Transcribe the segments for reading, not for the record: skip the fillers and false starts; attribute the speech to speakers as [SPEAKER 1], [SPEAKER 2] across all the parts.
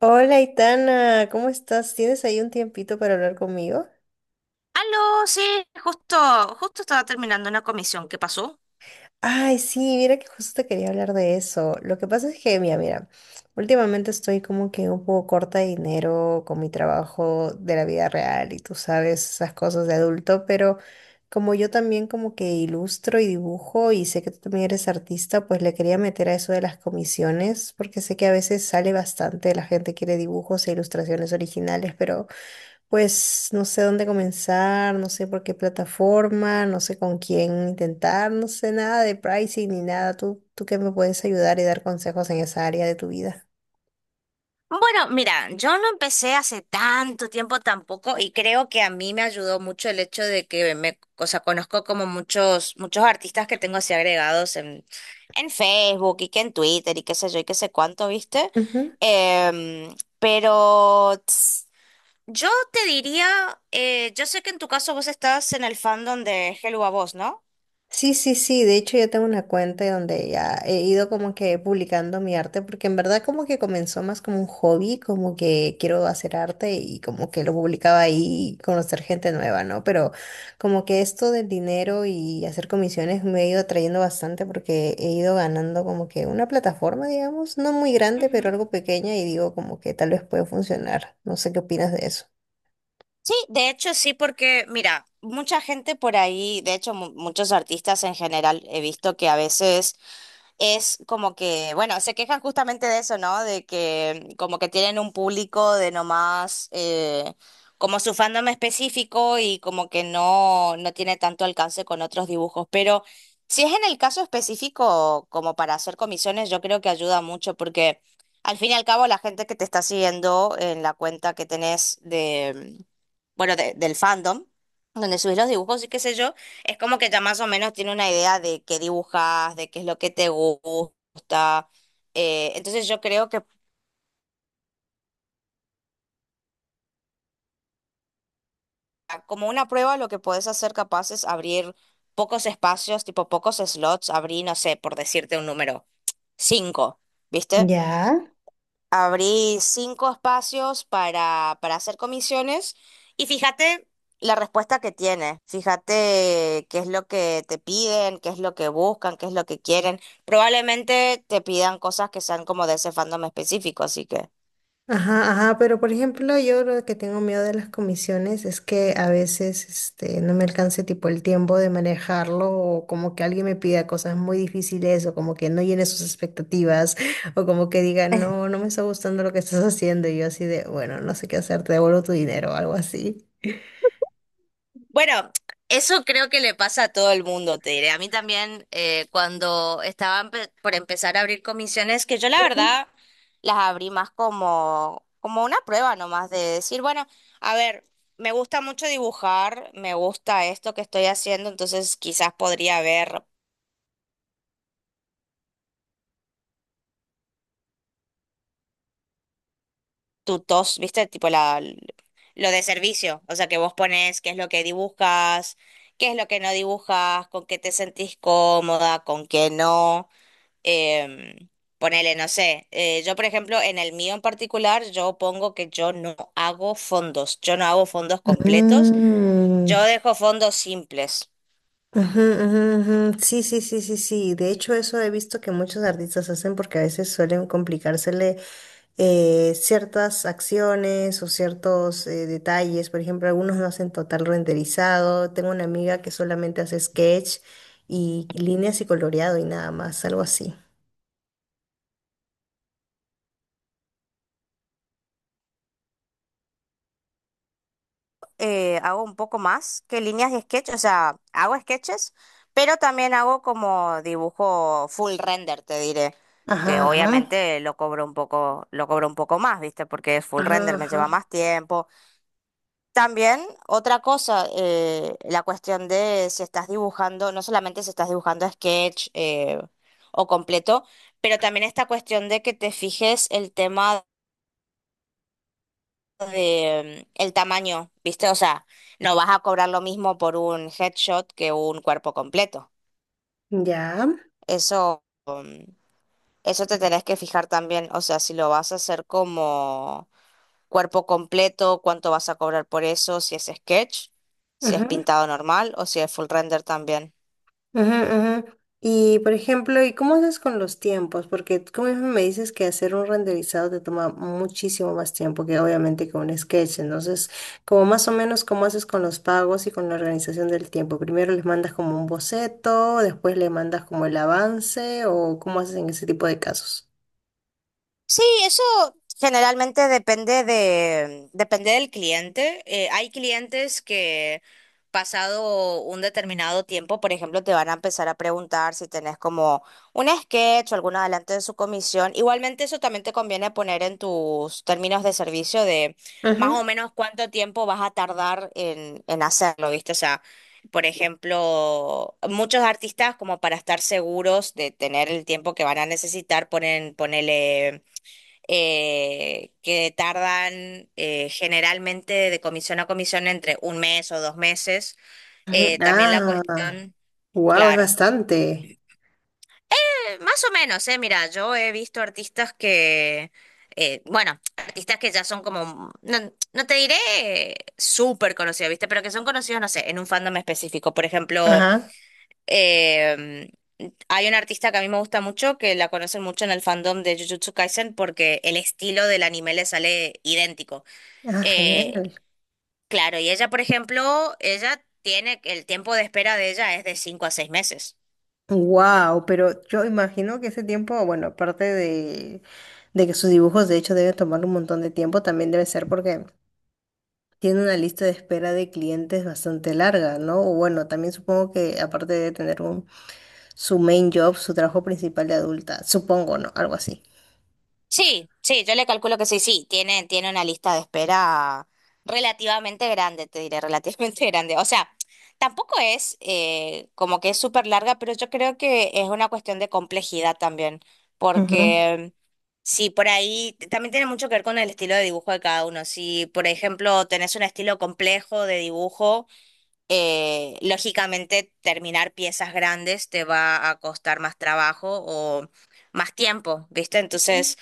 [SPEAKER 1] Hola, Itana, ¿cómo estás? ¿Tienes ahí un tiempito para hablar conmigo?
[SPEAKER 2] Aló, sí, justo, justo estaba terminando una comisión. ¿Qué pasó?
[SPEAKER 1] Ay, sí, mira que justo te quería hablar de eso. Lo que pasa es que, mira, últimamente estoy como que un poco corta de dinero con mi trabajo de la vida real y tú sabes esas cosas de adulto, pero como yo también como que ilustro y dibujo y sé que tú también eres artista, pues le quería meter a eso de las comisiones, porque sé que a veces sale bastante, la gente quiere dibujos e ilustraciones originales, pero... Pues no sé dónde comenzar, no sé por qué plataforma, no sé con quién intentar, no sé nada de pricing ni nada. ¿Tú qué me puedes ayudar y dar consejos en esa área de tu vida?
[SPEAKER 2] Bueno, mira, yo no empecé hace tanto tiempo tampoco y creo que a mí me ayudó mucho el hecho de que o sea, conozco como muchos, muchos artistas que tengo así agregados en Facebook y que en Twitter y qué sé yo y qué sé cuánto, ¿viste? Pero yo te diría, yo sé que en tu caso vos estás en el fandom de Hello a Voz, ¿no?
[SPEAKER 1] Sí, sí, sí, de hecho yo tengo una cuenta donde ya he ido como que publicando mi arte, porque en verdad como que comenzó más como un hobby, como que quiero hacer arte y como que lo publicaba ahí y conocer gente nueva, ¿no? Pero como que esto del dinero y hacer comisiones me ha ido atrayendo bastante porque he ido ganando como que una plataforma, digamos, no muy grande, pero algo pequeña y digo como que tal vez puede funcionar. No sé qué opinas de eso.
[SPEAKER 2] Sí, de hecho sí, porque mira, mucha gente por ahí, de hecho muchos artistas en general, he visto que a veces es como que, bueno, se quejan justamente de eso, ¿no? De que como que tienen un público de nomás, como su fandom específico y como que no tiene tanto alcance con otros dibujos. Pero si es en el caso específico, como para hacer comisiones, yo creo que ayuda mucho porque al fin y al cabo la gente que te está siguiendo en la cuenta que tenés bueno, del fandom, donde subís los dibujos y qué sé yo, es como que ya más o menos tiene una idea de qué dibujas, de qué es lo que te gusta. Entonces yo creo que como una prueba lo que podés hacer capaz es abrir pocos espacios, tipo pocos slots, abrí, no sé, por decirte un número, cinco, ¿viste?
[SPEAKER 1] Ya.
[SPEAKER 2] Abrí cinco espacios para hacer comisiones y fíjate la respuesta que tiene. Fíjate qué es lo que te piden, qué es lo que buscan, qué es lo que quieren. Probablemente te pidan cosas que sean como de ese fandom específico, así que.
[SPEAKER 1] Ajá, ajá, pero por ejemplo, yo lo que tengo miedo de las comisiones es que a veces no me alcance tipo el tiempo de manejarlo o como que alguien me pida cosas muy difíciles o como que no llene sus expectativas o como que diga, no, no me está gustando lo que estás haciendo y yo así de, bueno, no sé qué hacer, te devuelvo tu dinero o algo así.
[SPEAKER 2] Bueno, eso creo que le pasa a todo el mundo, te diré. A mí también, cuando estaba por empezar a abrir comisiones, que yo la
[SPEAKER 1] Ujú.
[SPEAKER 2] verdad las abrí más como una prueba nomás de decir, bueno, a ver, me gusta mucho dibujar, me gusta esto que estoy haciendo, entonces quizás podría ver tutos, ¿viste? Tipo lo de servicio, o sea, que vos pones qué es lo que dibujas, qué es lo que no dibujas, con qué te sentís cómoda, con qué no. Em, Ponele, no sé, yo por ejemplo, en el mío en particular, yo pongo que yo no hago fondos, yo no hago fondos completos, yo
[SPEAKER 1] Mm,
[SPEAKER 2] dejo fondos simples.
[SPEAKER 1] ujú, ujú, ujú. Sí, sí, sí, sí, sí. De hecho, eso he visto que muchos artistas hacen porque a veces suelen complicársele ciertas acciones o ciertos detalles. Por ejemplo, algunos no hacen total renderizado. Tengo una amiga que solamente hace sketch y líneas y coloreado y nada más, algo así.
[SPEAKER 2] Hago un poco más que líneas de sketch, o sea, hago sketches, pero también hago como dibujo full render, te diré, que
[SPEAKER 1] Ajá, ajá,
[SPEAKER 2] obviamente lo cobro un poco, lo cobro un poco más, ¿viste? Porque es full
[SPEAKER 1] ajá,
[SPEAKER 2] render, me lleva
[SPEAKER 1] ajá.
[SPEAKER 2] más tiempo. También otra cosa, la cuestión de si estás dibujando, no solamente si estás dibujando sketch o completo, pero también esta cuestión de que te fijes el tema de el tamaño, ¿viste? O sea, no vas a cobrar lo mismo por un headshot que un cuerpo completo.
[SPEAKER 1] Ya.
[SPEAKER 2] Eso, eso te tenés que fijar también, o sea, si lo vas a hacer como cuerpo completo, cuánto vas a cobrar por eso, si es sketch, si es
[SPEAKER 1] Ujú.
[SPEAKER 2] pintado normal o si es full render también.
[SPEAKER 1] Ujú, ujú. Y por ejemplo, ¿y cómo haces con los tiempos? Porque tú mismo me dices que hacer un renderizado te toma muchísimo más tiempo que obviamente que un sketch. Entonces, como más o menos, ¿cómo haces con los pagos y con la organización del tiempo? Primero les mandas como un boceto, después le mandas como el avance, o cómo haces en ese tipo de casos.
[SPEAKER 2] Sí, eso generalmente depende depende del cliente. Hay clientes que pasado un determinado tiempo, por ejemplo, te van a empezar a preguntar si tenés como un sketch o algún adelanto de su comisión. Igualmente eso también te conviene poner en tus términos de servicio de más
[SPEAKER 1] Ujú.
[SPEAKER 2] o menos cuánto tiempo vas a tardar en hacerlo, ¿viste? O sea, por ejemplo, muchos artistas como para estar seguros de tener el tiempo que van a necesitar ponen, ponele que tardan generalmente de comisión a comisión entre un mes o dos meses.
[SPEAKER 1] Ujú.
[SPEAKER 2] También la
[SPEAKER 1] Ah,
[SPEAKER 2] cuestión,
[SPEAKER 1] wow, es
[SPEAKER 2] claro,
[SPEAKER 1] bastante.
[SPEAKER 2] más o menos, mira, yo he visto artistas que, bueno, artistas que ya son como, no, no te diré súper conocidos, ¿viste? Pero que son conocidos, no sé, en un fandom específico. Por ejemplo,
[SPEAKER 1] Ajá,
[SPEAKER 2] eh, hay un artista que a mí me gusta mucho, que la conocen mucho en el fandom de Jujutsu Kaisen porque el estilo del anime le sale idéntico.
[SPEAKER 1] ah,
[SPEAKER 2] Eh,
[SPEAKER 1] genial.
[SPEAKER 2] claro, y ella, por ejemplo, ella tiene, el tiempo de espera de ella es de cinco a seis meses.
[SPEAKER 1] Wow, pero yo imagino que ese tiempo, bueno, aparte de que sus dibujos de hecho deben tomar un montón de tiempo, también debe ser porque tiene una lista de espera de clientes bastante larga, ¿no? O bueno, también supongo que aparte de tener un, su main job, su trabajo principal de adulta, supongo, ¿no? Algo así.
[SPEAKER 2] Sí, sí, yo le calculo que sí, sí, tiene una lista de espera relativamente grande, te diré, relativamente grande. O sea, tampoco es como que es súper larga, pero yo creo que es una cuestión de complejidad también,
[SPEAKER 1] Ujú.
[SPEAKER 2] porque sí, por ahí también tiene mucho que ver con el estilo de dibujo de cada uno. Si, por ejemplo, tenés un estilo complejo de dibujo, lógicamente, terminar piezas grandes te va a costar más trabajo o más tiempo, ¿viste? Entonces,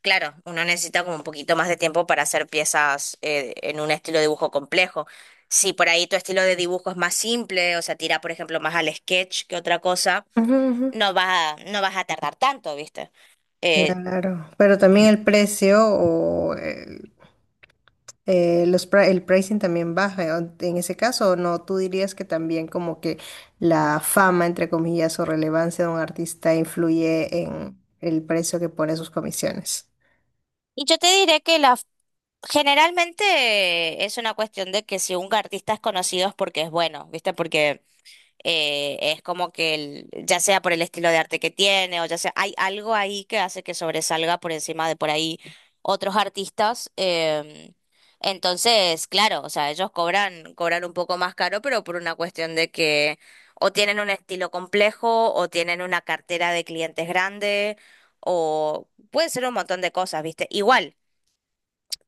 [SPEAKER 2] claro, uno necesita como un poquito más de tiempo para hacer piezas en un estilo de dibujo complejo. Si por ahí tu estilo de dibujo es más simple, o sea, tira, por ejemplo, más al sketch que otra cosa,
[SPEAKER 1] Ujú, ujú.
[SPEAKER 2] no vas a tardar tanto, ¿viste? Eh,
[SPEAKER 1] Claro, pero también el precio o el- el pricing también baja. En ese caso, ¿no? ¿Tú dirías que también como que la fama, entre comillas, o relevancia de un artista influye en el precio que pone sus comisiones?
[SPEAKER 2] y yo te diré que la, generalmente es una cuestión de que si un artista es conocido es porque es bueno, ¿viste? Porque es como que ya sea por el estilo de arte que tiene o ya sea, hay algo ahí que hace que sobresalga por encima de por ahí otros artistas. Entonces, claro, o sea, ellos cobran un poco más caro, pero por una cuestión de que o tienen un estilo complejo o tienen una cartera de clientes grande o puede ser un montón de cosas, ¿viste? Igual,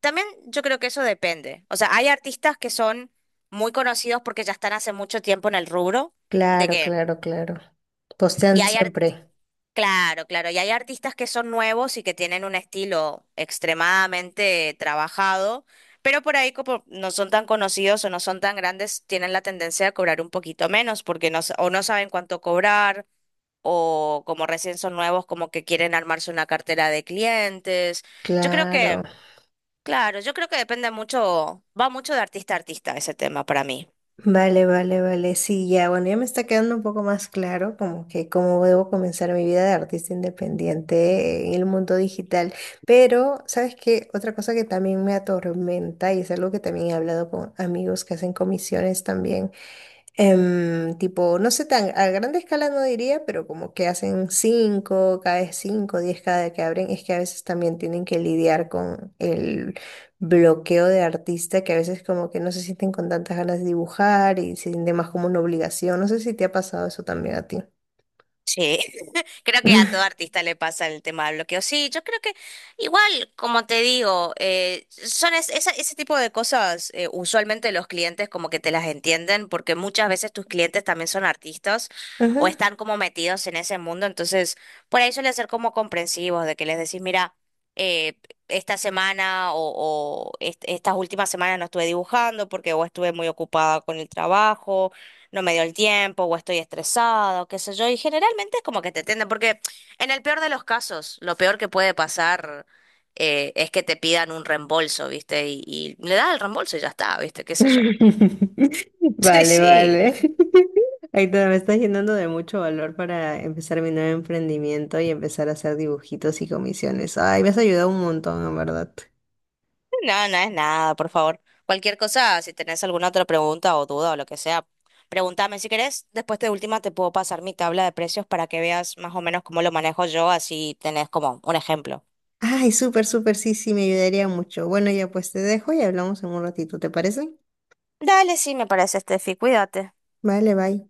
[SPEAKER 2] también yo creo que eso depende. O sea, hay artistas que son muy conocidos porque ya están hace mucho tiempo en el rubro, de
[SPEAKER 1] Claro,
[SPEAKER 2] que
[SPEAKER 1] claro, claro.
[SPEAKER 2] y
[SPEAKER 1] Postean
[SPEAKER 2] hay, ar-
[SPEAKER 1] siempre.
[SPEAKER 2] claro, claro, y hay artistas que son nuevos y que tienen un estilo extremadamente trabajado, pero por ahí como no son tan conocidos o no son tan grandes, tienen la tendencia a cobrar un poquito menos porque o no saben cuánto cobrar o como recién son nuevos, como que quieren armarse una cartera de clientes. Yo creo
[SPEAKER 1] Claro.
[SPEAKER 2] que, claro, yo creo que depende mucho, va mucho de artista a artista ese tema para mí.
[SPEAKER 1] Vale, vale, vale. Sí, ya, bueno, ya me está quedando un poco más claro como que cómo debo comenzar mi vida de artista independiente en el mundo digital. Pero, ¿sabes qué? Otra cosa que también me atormenta y es algo que también he hablado con amigos que hacen comisiones también. Em, tipo, no sé, tan a grande escala no diría, pero como que hacen cinco, cada vez cinco, diez cada que abren, es que a veces también tienen que lidiar con el bloqueo de artista, que a veces como que no se sienten con tantas ganas de dibujar y se siente más como una obligación. No sé si te ha pasado eso también a ti.
[SPEAKER 2] Sí. Creo que a todo artista le pasa el tema del bloqueo. Sí, yo creo que igual, como te digo, son ese tipo de cosas, usualmente los clientes como que te las entienden, porque muchas veces tus clientes también son artistas o
[SPEAKER 1] Ujú.
[SPEAKER 2] están como metidos en ese mundo, entonces por ahí suele ser como comprensivos, de que les decís, mira, eh, esta semana o estas últimas semanas no estuve dibujando porque o estuve muy ocupada con el trabajo no me dio el tiempo o estoy estresado, qué sé yo, y generalmente es como que te atienden, porque en el peor de los casos, lo peor que puede pasar es que te pidan un reembolso, ¿viste? Y le das el reembolso y ya está, ¿viste? ¿Qué sé yo? Sí,
[SPEAKER 1] Vale,
[SPEAKER 2] sí,
[SPEAKER 1] vale. Aitor, me estás llenando de mucho valor para empezar mi nuevo emprendimiento y empezar a hacer dibujitos y comisiones. Ay, me has ayudado un montón, en verdad.
[SPEAKER 2] no, no no es nada, por favor. Cualquier cosa, si tenés alguna otra pregunta o duda o lo que sea, pregúntame si querés. Después de última te puedo pasar mi tabla de precios para que veas más o menos cómo lo manejo yo, así tenés como un ejemplo.
[SPEAKER 1] Ay, súper, súper, sí, sí, me ayudaría mucho. Bueno, ya pues te dejo y hablamos en un ratito, ¿te parece?
[SPEAKER 2] Dale, sí, me parece, Steffi, cuídate.
[SPEAKER 1] Vale, bye.